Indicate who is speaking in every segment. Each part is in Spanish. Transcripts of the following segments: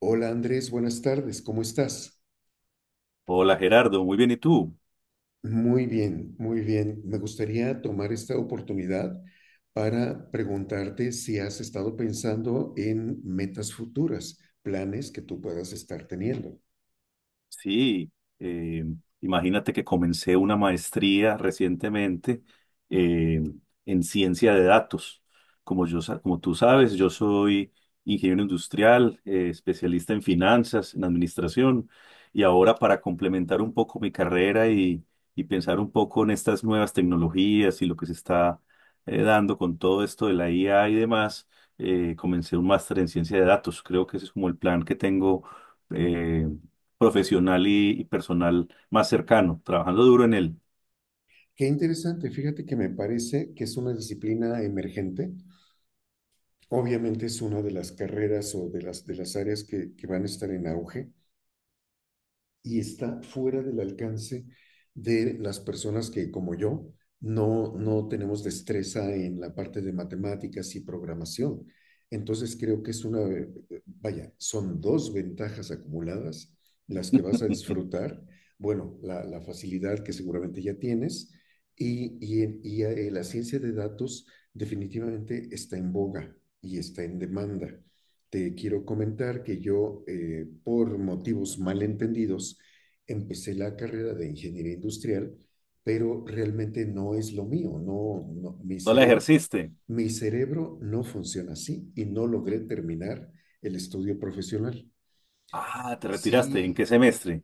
Speaker 1: Hola Andrés, buenas tardes, ¿cómo estás?
Speaker 2: Hola Gerardo, muy bien, ¿y tú?
Speaker 1: Muy bien, muy bien. Me gustaría tomar esta oportunidad para preguntarte si has estado pensando en metas futuras, planes que tú puedas estar teniendo.
Speaker 2: Sí, eh, imagínate que comencé una maestría recientemente, eh, en ciencia de datos. Como yo, como tú sabes, yo soy ingeniero industrial, especialista en finanzas, en administración, y ahora para complementar un poco mi carrera y pensar un poco en estas nuevas tecnologías y lo que se está dando con todo esto de la IA y demás, comencé un máster en ciencia de datos. Creo que ese es como el plan que tengo, eh, profesional y personal, más cercano, trabajando duro en él.
Speaker 1: Qué interesante, fíjate que me parece que es una disciplina emergente. Obviamente es una de las carreras o de las áreas que van a estar en auge, y está fuera del alcance de las personas que, como yo, no, no tenemos destreza en la parte de matemáticas y programación. Entonces creo que es una, vaya, son dos ventajas acumuladas las que vas a disfrutar. Bueno, la facilidad que seguramente ya tienes y, y la ciencia de datos definitivamente está en boga y está en demanda. Te quiero comentar que yo, por motivos malentendidos, empecé la carrera de ingeniería industrial, pero realmente no es lo mío, no, no mi
Speaker 2: No la
Speaker 1: cerebro.
Speaker 2: ejerciste.
Speaker 1: Mi cerebro no funciona así y no logré terminar el estudio profesional.
Speaker 2: Ah, te retiraste. ¿En qué
Speaker 1: Sí,
Speaker 2: semestre?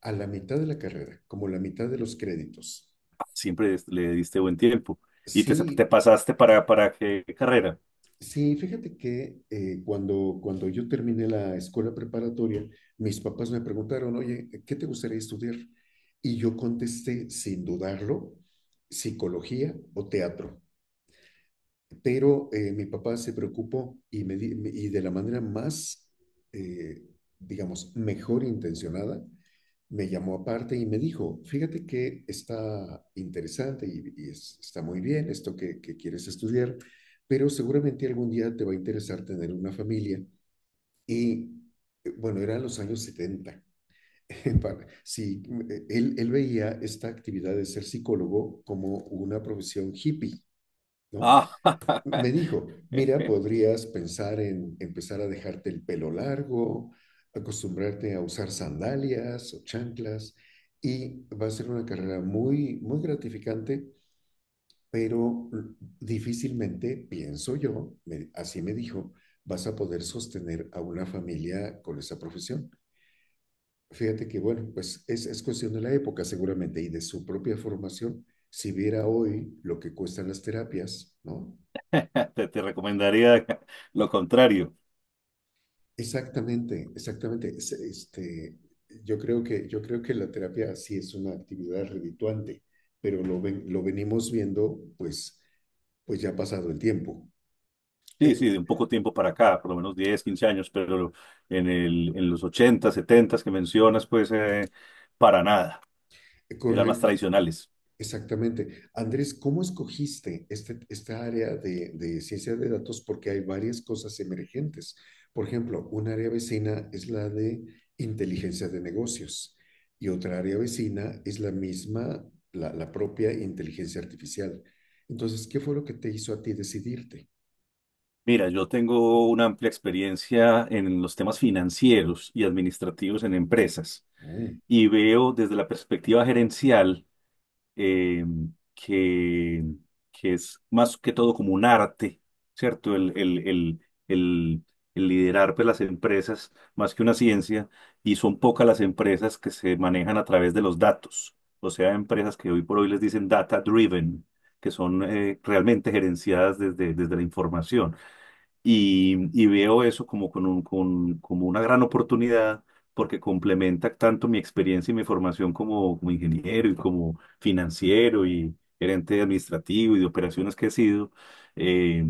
Speaker 1: a la mitad de la carrera, como la mitad de los créditos,
Speaker 2: Ah, le diste buen tiempo. ¿Y te
Speaker 1: sí.
Speaker 2: pasaste para qué carrera?
Speaker 1: Sí, fíjate que cuando yo terminé la escuela preparatoria, mis papás me preguntaron, oye, ¿qué te gustaría estudiar? Y yo contesté, sin dudarlo, psicología o teatro. Pero mi papá se preocupó y, y de la manera más, eh, digamos, mejor intencionada, me llamó aparte y me dijo, fíjate que está interesante y, está muy bien esto que quieres estudiar, pero seguramente algún día te va a interesar tener una familia. Y bueno, eran los años setenta. Sí, él veía esta actividad de ser psicólogo como una profesión hippie, ¿no?
Speaker 2: Ah,
Speaker 1: Me dijo, mira, podrías pensar en empezar a dejarte el pelo largo, acostumbrarte a usar sandalias o chanclas y va a ser una carrera muy, muy gratificante, pero difícilmente, pienso yo, así me dijo, vas a poder sostener a una familia con esa profesión. Fíjate que, bueno, pues es cuestión de la época seguramente y de su propia formación. Si viera hoy lo que cuestan las terapias, ¿no?
Speaker 2: te recomendaría lo contrario.
Speaker 1: Exactamente, exactamente. Este, yo creo que la terapia sí es una actividad redituante, pero lo venimos viendo pues, pues ya ha pasado el tiempo.
Speaker 2: Sí, sí,
Speaker 1: Eh,
Speaker 2: de un poco tiempo para acá, por lo menos 10 15 años, pero en los 80 70 que mencionas, pues para nada. Eran más
Speaker 1: correcto.
Speaker 2: tradicionales.
Speaker 1: Exactamente. Andrés, ¿cómo escogiste este, esta área de ciencia de datos? Porque hay varias cosas emergentes. Por ejemplo, un área vecina es la de inteligencia de negocios y otra área vecina es la misma, la propia inteligencia artificial. Entonces, ¿qué fue lo que te hizo a ti decidirte?
Speaker 2: Mira, yo tengo una amplia experiencia en los temas financieros y administrativos en empresas,
Speaker 1: Mm.
Speaker 2: y veo desde la perspectiva gerencial eh, que, que es más que todo como un arte, ¿cierto? El, el liderar, pues, las empresas, más que una ciencia. Y son pocas las empresas que se manejan a través de los datos, o sea, empresas que hoy por hoy les dicen data driven, que son realmente gerenciadas desde la información, y veo eso como, como una gran oportunidad, porque complementa tanto mi experiencia y mi formación como, como ingeniero y como financiero y gerente administrativo y de operaciones que he sido, eh,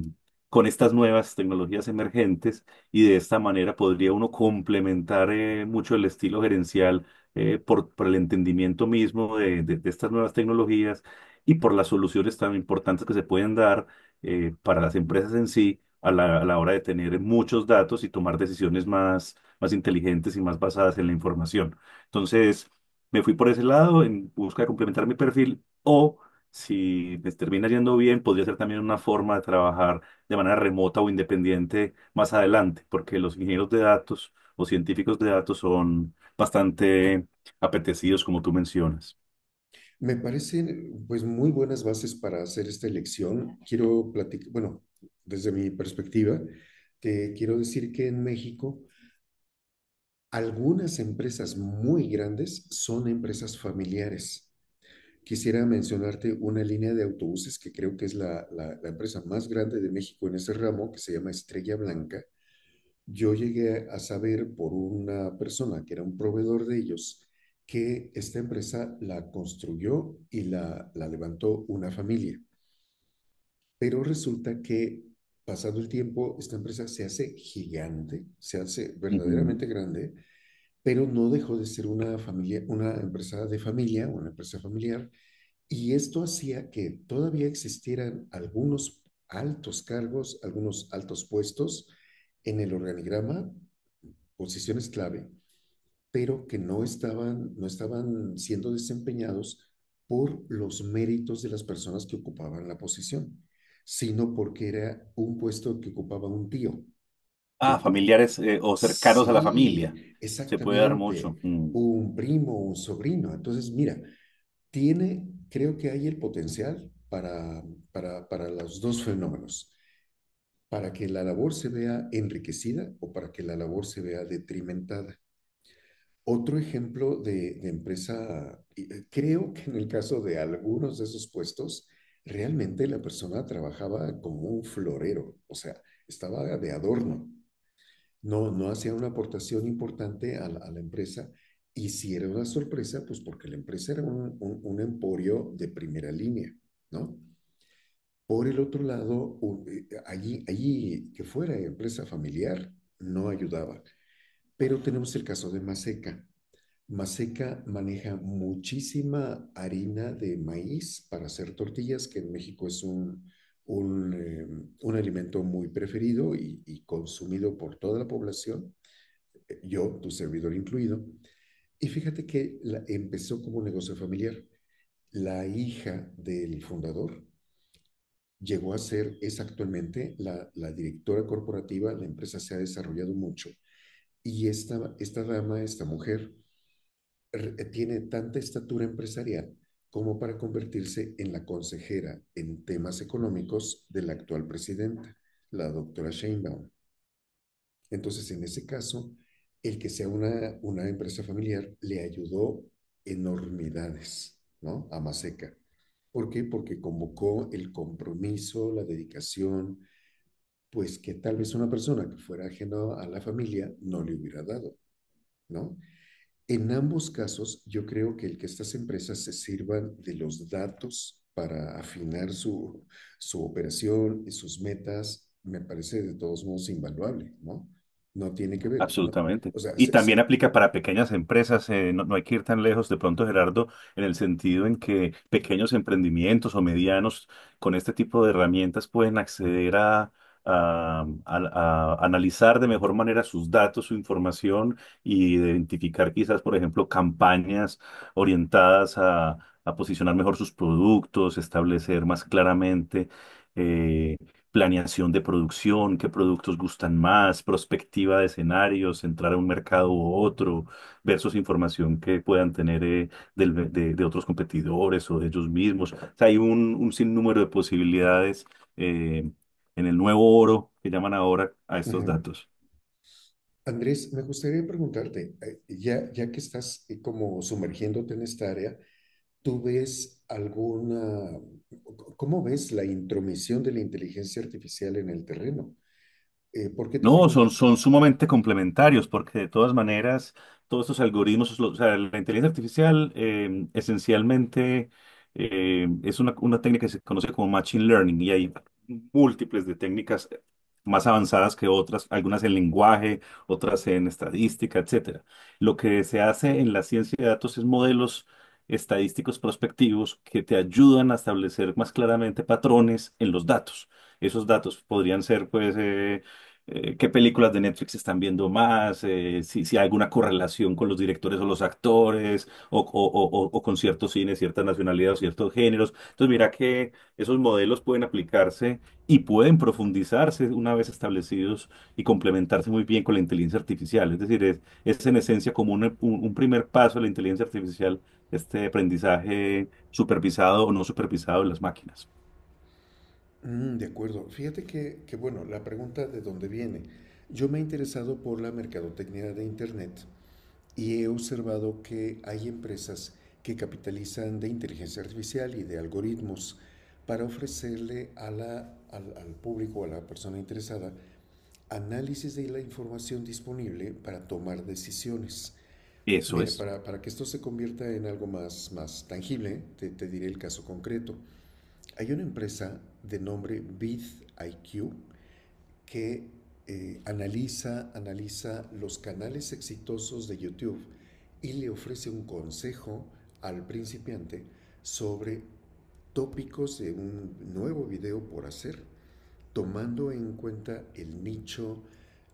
Speaker 2: con estas nuevas tecnologías emergentes. Y de esta manera podría uno complementar mucho el estilo gerencial, por el entendimiento mismo de estas nuevas tecnologías y por las soluciones tan importantes que se pueden dar, para las empresas en sí a a la hora de tener muchos datos y tomar decisiones más, más inteligentes y más basadas en la información. Entonces, me fui por ese lado en busca de complementar mi perfil, o si me termina yendo bien, podría ser también una forma de trabajar de manera remota o independiente más adelante, porque los ingenieros de datos o científicos de datos son bastante apetecidos, como tú mencionas.
Speaker 1: Me parecen pues muy buenas bases para hacer esta elección. Quiero platicar, bueno, desde mi perspectiva, te quiero decir que en México algunas empresas muy grandes son empresas familiares. Quisiera mencionarte una línea de autobuses que creo que es la, la empresa más grande de México en ese ramo, que se llama Estrella Blanca. Yo llegué a saber por una persona que era un proveedor de ellos que esta empresa la construyó y la levantó una familia. Pero resulta que pasado el tiempo, esta empresa se hace gigante, se hace
Speaker 2: Ujú.
Speaker 1: verdaderamente grande, pero no dejó de ser una familia, una empresa de familia, una empresa familiar, y esto hacía que todavía existieran algunos altos cargos, algunos altos puestos en el organigrama, posiciones clave, pero que no estaban, no estaban siendo desempeñados por los méritos de las personas que ocupaban la posición, sino porque era un puesto que ocupaba un tío, que
Speaker 2: Ah,
Speaker 1: ocupa-
Speaker 2: familiares, o cercanos a la
Speaker 1: sí,
Speaker 2: familia. Se puede dar
Speaker 1: exactamente.
Speaker 2: mucho.
Speaker 1: Un primo, un sobrino. Entonces, mira, tiene, creo que hay el potencial para los dos fenómenos, para que la labor se vea enriquecida o para que la labor se vea detrimentada. Otro ejemplo de empresa, creo que en el caso de algunos de esos puestos, realmente la persona trabajaba como un florero, o sea, estaba de adorno, no, no hacía una aportación importante a la, empresa. Y si era una sorpresa, pues porque la empresa era un emporio de primera línea, ¿no? Por el otro lado, allí, allí que fuera empresa familiar, no ayudaba. Pero tenemos el caso de Maseca. Maseca maneja muchísima harina de maíz para hacer tortillas, que en México es un, eh, un alimento muy preferido y, consumido por toda la población, yo, tu servidor incluido, y fíjate que empezó como un negocio familiar. La hija del fundador llegó a ser, es actualmente la, la directora corporativa, la empresa se ha desarrollado mucho y esta dama, esta mujer, tiene tanta estatura empresarial como para convertirse en la consejera en temas económicos de la actual presidenta, la doctora Sheinbaum. Entonces, en ese caso, el que sea una empresa familiar le ayudó enormidades, ¿no? A Maseca. ¿Por qué? Porque convocó el compromiso, la dedicación, pues que tal vez una persona que fuera ajena a la familia no le hubiera dado, ¿no? En ambos casos, yo creo que el que estas empresas se sirvan de los datos para afinar su, su operación y sus metas, me parece de todos modos invaluable, ¿no? No tiene que ver, ¿no?
Speaker 2: Absolutamente.
Speaker 1: O sea,
Speaker 2: Y también aplica para pequeñas empresas. No hay que ir tan lejos de pronto, Gerardo, en el sentido en que pequeños emprendimientos o medianos, con este tipo de herramientas, pueden acceder a analizar de mejor manera sus datos, su información, y identificar quizás, por ejemplo, campañas orientadas a posicionar mejor sus productos, establecer más claramente, eh, planeación de producción, qué productos gustan más, prospectiva de escenarios, entrar a un mercado u otro, versus información que puedan tener, de otros competidores o de ellos mismos. O sea, hay un sinnúmero de posibilidades, eh, en el nuevo oro que llaman ahora a estos
Speaker 1: ujú.
Speaker 2: datos.
Speaker 1: Andrés, me gustaría preguntarte, ya que estás como sumergiéndote en esta área, ¿tú ves alguna, cómo ves la intromisión de la inteligencia artificial en el terreno? ¿Por qué te
Speaker 2: No,
Speaker 1: pregunto?
Speaker 2: son, son sumamente complementarios porque de todas maneras todos estos algoritmos, o sea, la inteligencia artificial, esencialmente, es una técnica que se conoce como machine learning, y hay múltiples de técnicas más avanzadas que otras, algunas en lenguaje, otras en estadística, etcétera. Lo que se hace en la ciencia de datos es modelos estadísticos prospectivos que te ayudan a establecer más claramente patrones en los datos. Esos datos podrían ser, pues, qué películas de Netflix están viendo más, si hay alguna correlación con los directores o los actores, o con ciertos cines, ciertas nacionalidades o ciertos géneros. Entonces, mira que esos modelos pueden aplicarse y pueden profundizarse una vez establecidos, y complementarse muy bien con la inteligencia artificial. Es decir, es en esencia como un primer paso de la inteligencia artificial, este aprendizaje supervisado o no supervisado de las máquinas.
Speaker 1: Mm, de acuerdo. Fíjate que, bueno, la pregunta de dónde viene. Yo me he interesado por la mercadotecnia de Internet y he observado que hay empresas que capitalizan de inteligencia artificial y de algoritmos para ofrecerle a la, al, al público, a la persona interesada, análisis de la información disponible para tomar decisiones.
Speaker 2: Eso
Speaker 1: Mira,
Speaker 2: es.
Speaker 1: para que esto se convierta en algo más, más tangible, te diré el caso concreto. Hay una empresa de nombre VidIQ que analiza, analiza los canales exitosos de YouTube y le ofrece un consejo al principiante sobre tópicos de un nuevo video por hacer tomando en cuenta el nicho,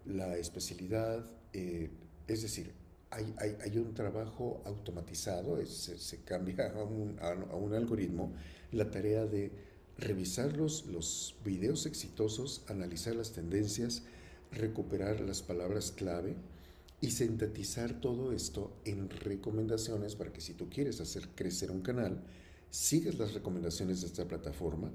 Speaker 1: la especialidad, eh, es decir, hay, un trabajo automatizado, es, se, cambia a un, algoritmo la tarea de revisar los videos exitosos, analizar las tendencias, recuperar las palabras clave y sintetizar todo esto en recomendaciones para que si tú quieres hacer crecer un canal, sigas las recomendaciones de esta plataforma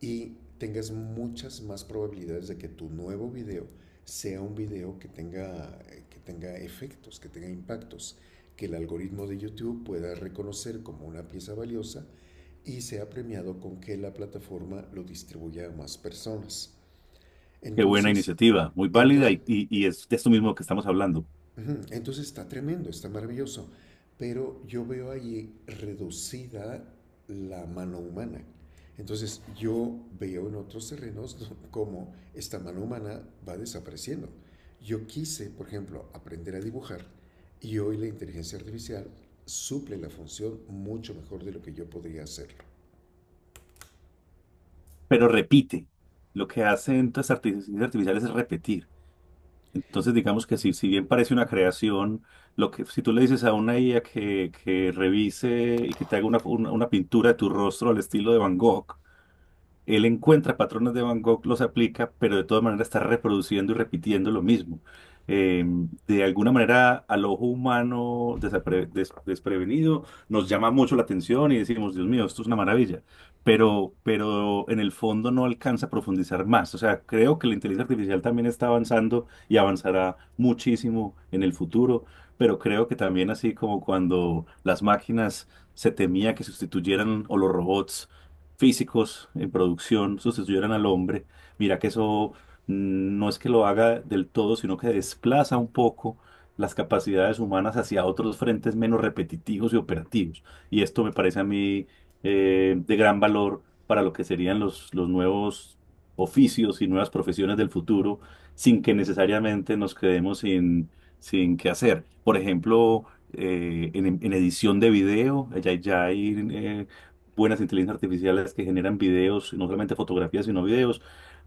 Speaker 1: y tengas muchas más probabilidades de que tu nuevo video sea un video que tenga efectos, que tenga impactos, que el algoritmo de YouTube pueda reconocer como una pieza valiosa y sea premiado con que la plataforma lo distribuya a más personas.
Speaker 2: Qué buena
Speaker 1: Entonces,
Speaker 2: iniciativa, muy válida,
Speaker 1: entonces
Speaker 2: y es de esto mismo que estamos hablando.
Speaker 1: ujú, entonces está tremendo, está maravilloso, pero yo veo ahí reducida la mano humana. Entonces yo veo en otros terrenos cómo esta mano humana va desapareciendo. Yo quise, por ejemplo, aprender a dibujar y hoy la inteligencia artificial suple la función mucho mejor de lo que yo podría hacerlo.
Speaker 2: Pero repite, lo que hacen las inteligencias artificiales es repetir. Entonces, digamos que si bien parece una creación, lo que, si tú le dices a una IA que revise y que te haga una pintura de tu rostro al estilo de Van Gogh, él encuentra patrones de Van Gogh, los aplica, pero de todas maneras está reproduciendo y repitiendo lo mismo. Eh, de alguna manera, al ojo humano desprevenido, nos llama mucho la atención y decimos, Dios mío, esto es una maravilla. Pero en el fondo no alcanza a profundizar más. O sea, creo que la inteligencia artificial también está avanzando y avanzará muchísimo en el futuro, pero creo que también, así como cuando las máquinas se temía que sustituyeran, o los robots físicos en producción sustituyeran al hombre, mira que eso, no es que lo haga del todo, sino que desplaza un poco las capacidades humanas hacia otros frentes menos repetitivos y operativos. Y esto me parece a mí, de gran valor para lo que serían los nuevos oficios y nuevas profesiones del futuro, sin que necesariamente nos quedemos sin qué hacer. Por ejemplo, en edición de video, ya hay buenas inteligencias artificiales que generan videos, y no solamente fotografías, sino videos,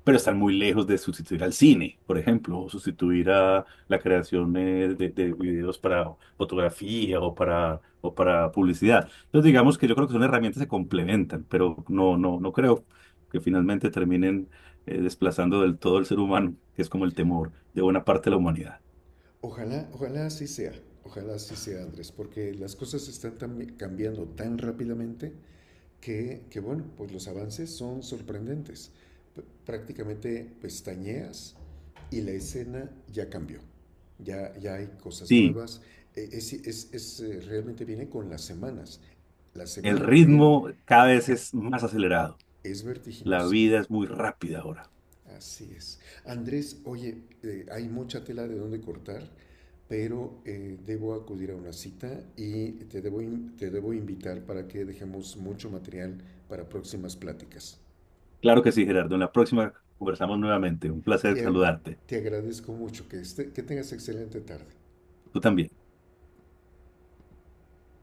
Speaker 2: pero están muy lejos de sustituir al cine, por ejemplo, o sustituir a la creación de videos para fotografía, o para publicidad. Entonces, digamos que yo creo que son herramientas que se complementan, pero no creo que finalmente terminen desplazando del todo el ser humano, que es como el temor de buena parte de la humanidad.
Speaker 1: Ojalá, ojalá así sea, Andrés, porque las cosas están cambiando tan rápidamente que bueno, pues los avances son sorprendentes. Prácticamente pestañeas y la escena ya cambió. Ya, ya hay cosas
Speaker 2: Sí,
Speaker 1: nuevas. Realmente viene con las semanas. La
Speaker 2: el
Speaker 1: semana que viene
Speaker 2: ritmo cada vez es más acelerado.
Speaker 1: es
Speaker 2: La
Speaker 1: vertiginosa.
Speaker 2: vida es muy rápida ahora.
Speaker 1: Así es. Andrés, oye, hay mucha tela de donde cortar, pero debo acudir a una cita y te debo invitar para que dejemos mucho material para próximas pláticas.
Speaker 2: Claro que sí, Gerardo. En la próxima conversamos nuevamente. Un placer
Speaker 1: Te,
Speaker 2: saludarte.
Speaker 1: te agradezco mucho que, este, que tengas excelente tarde.
Speaker 2: Tú también.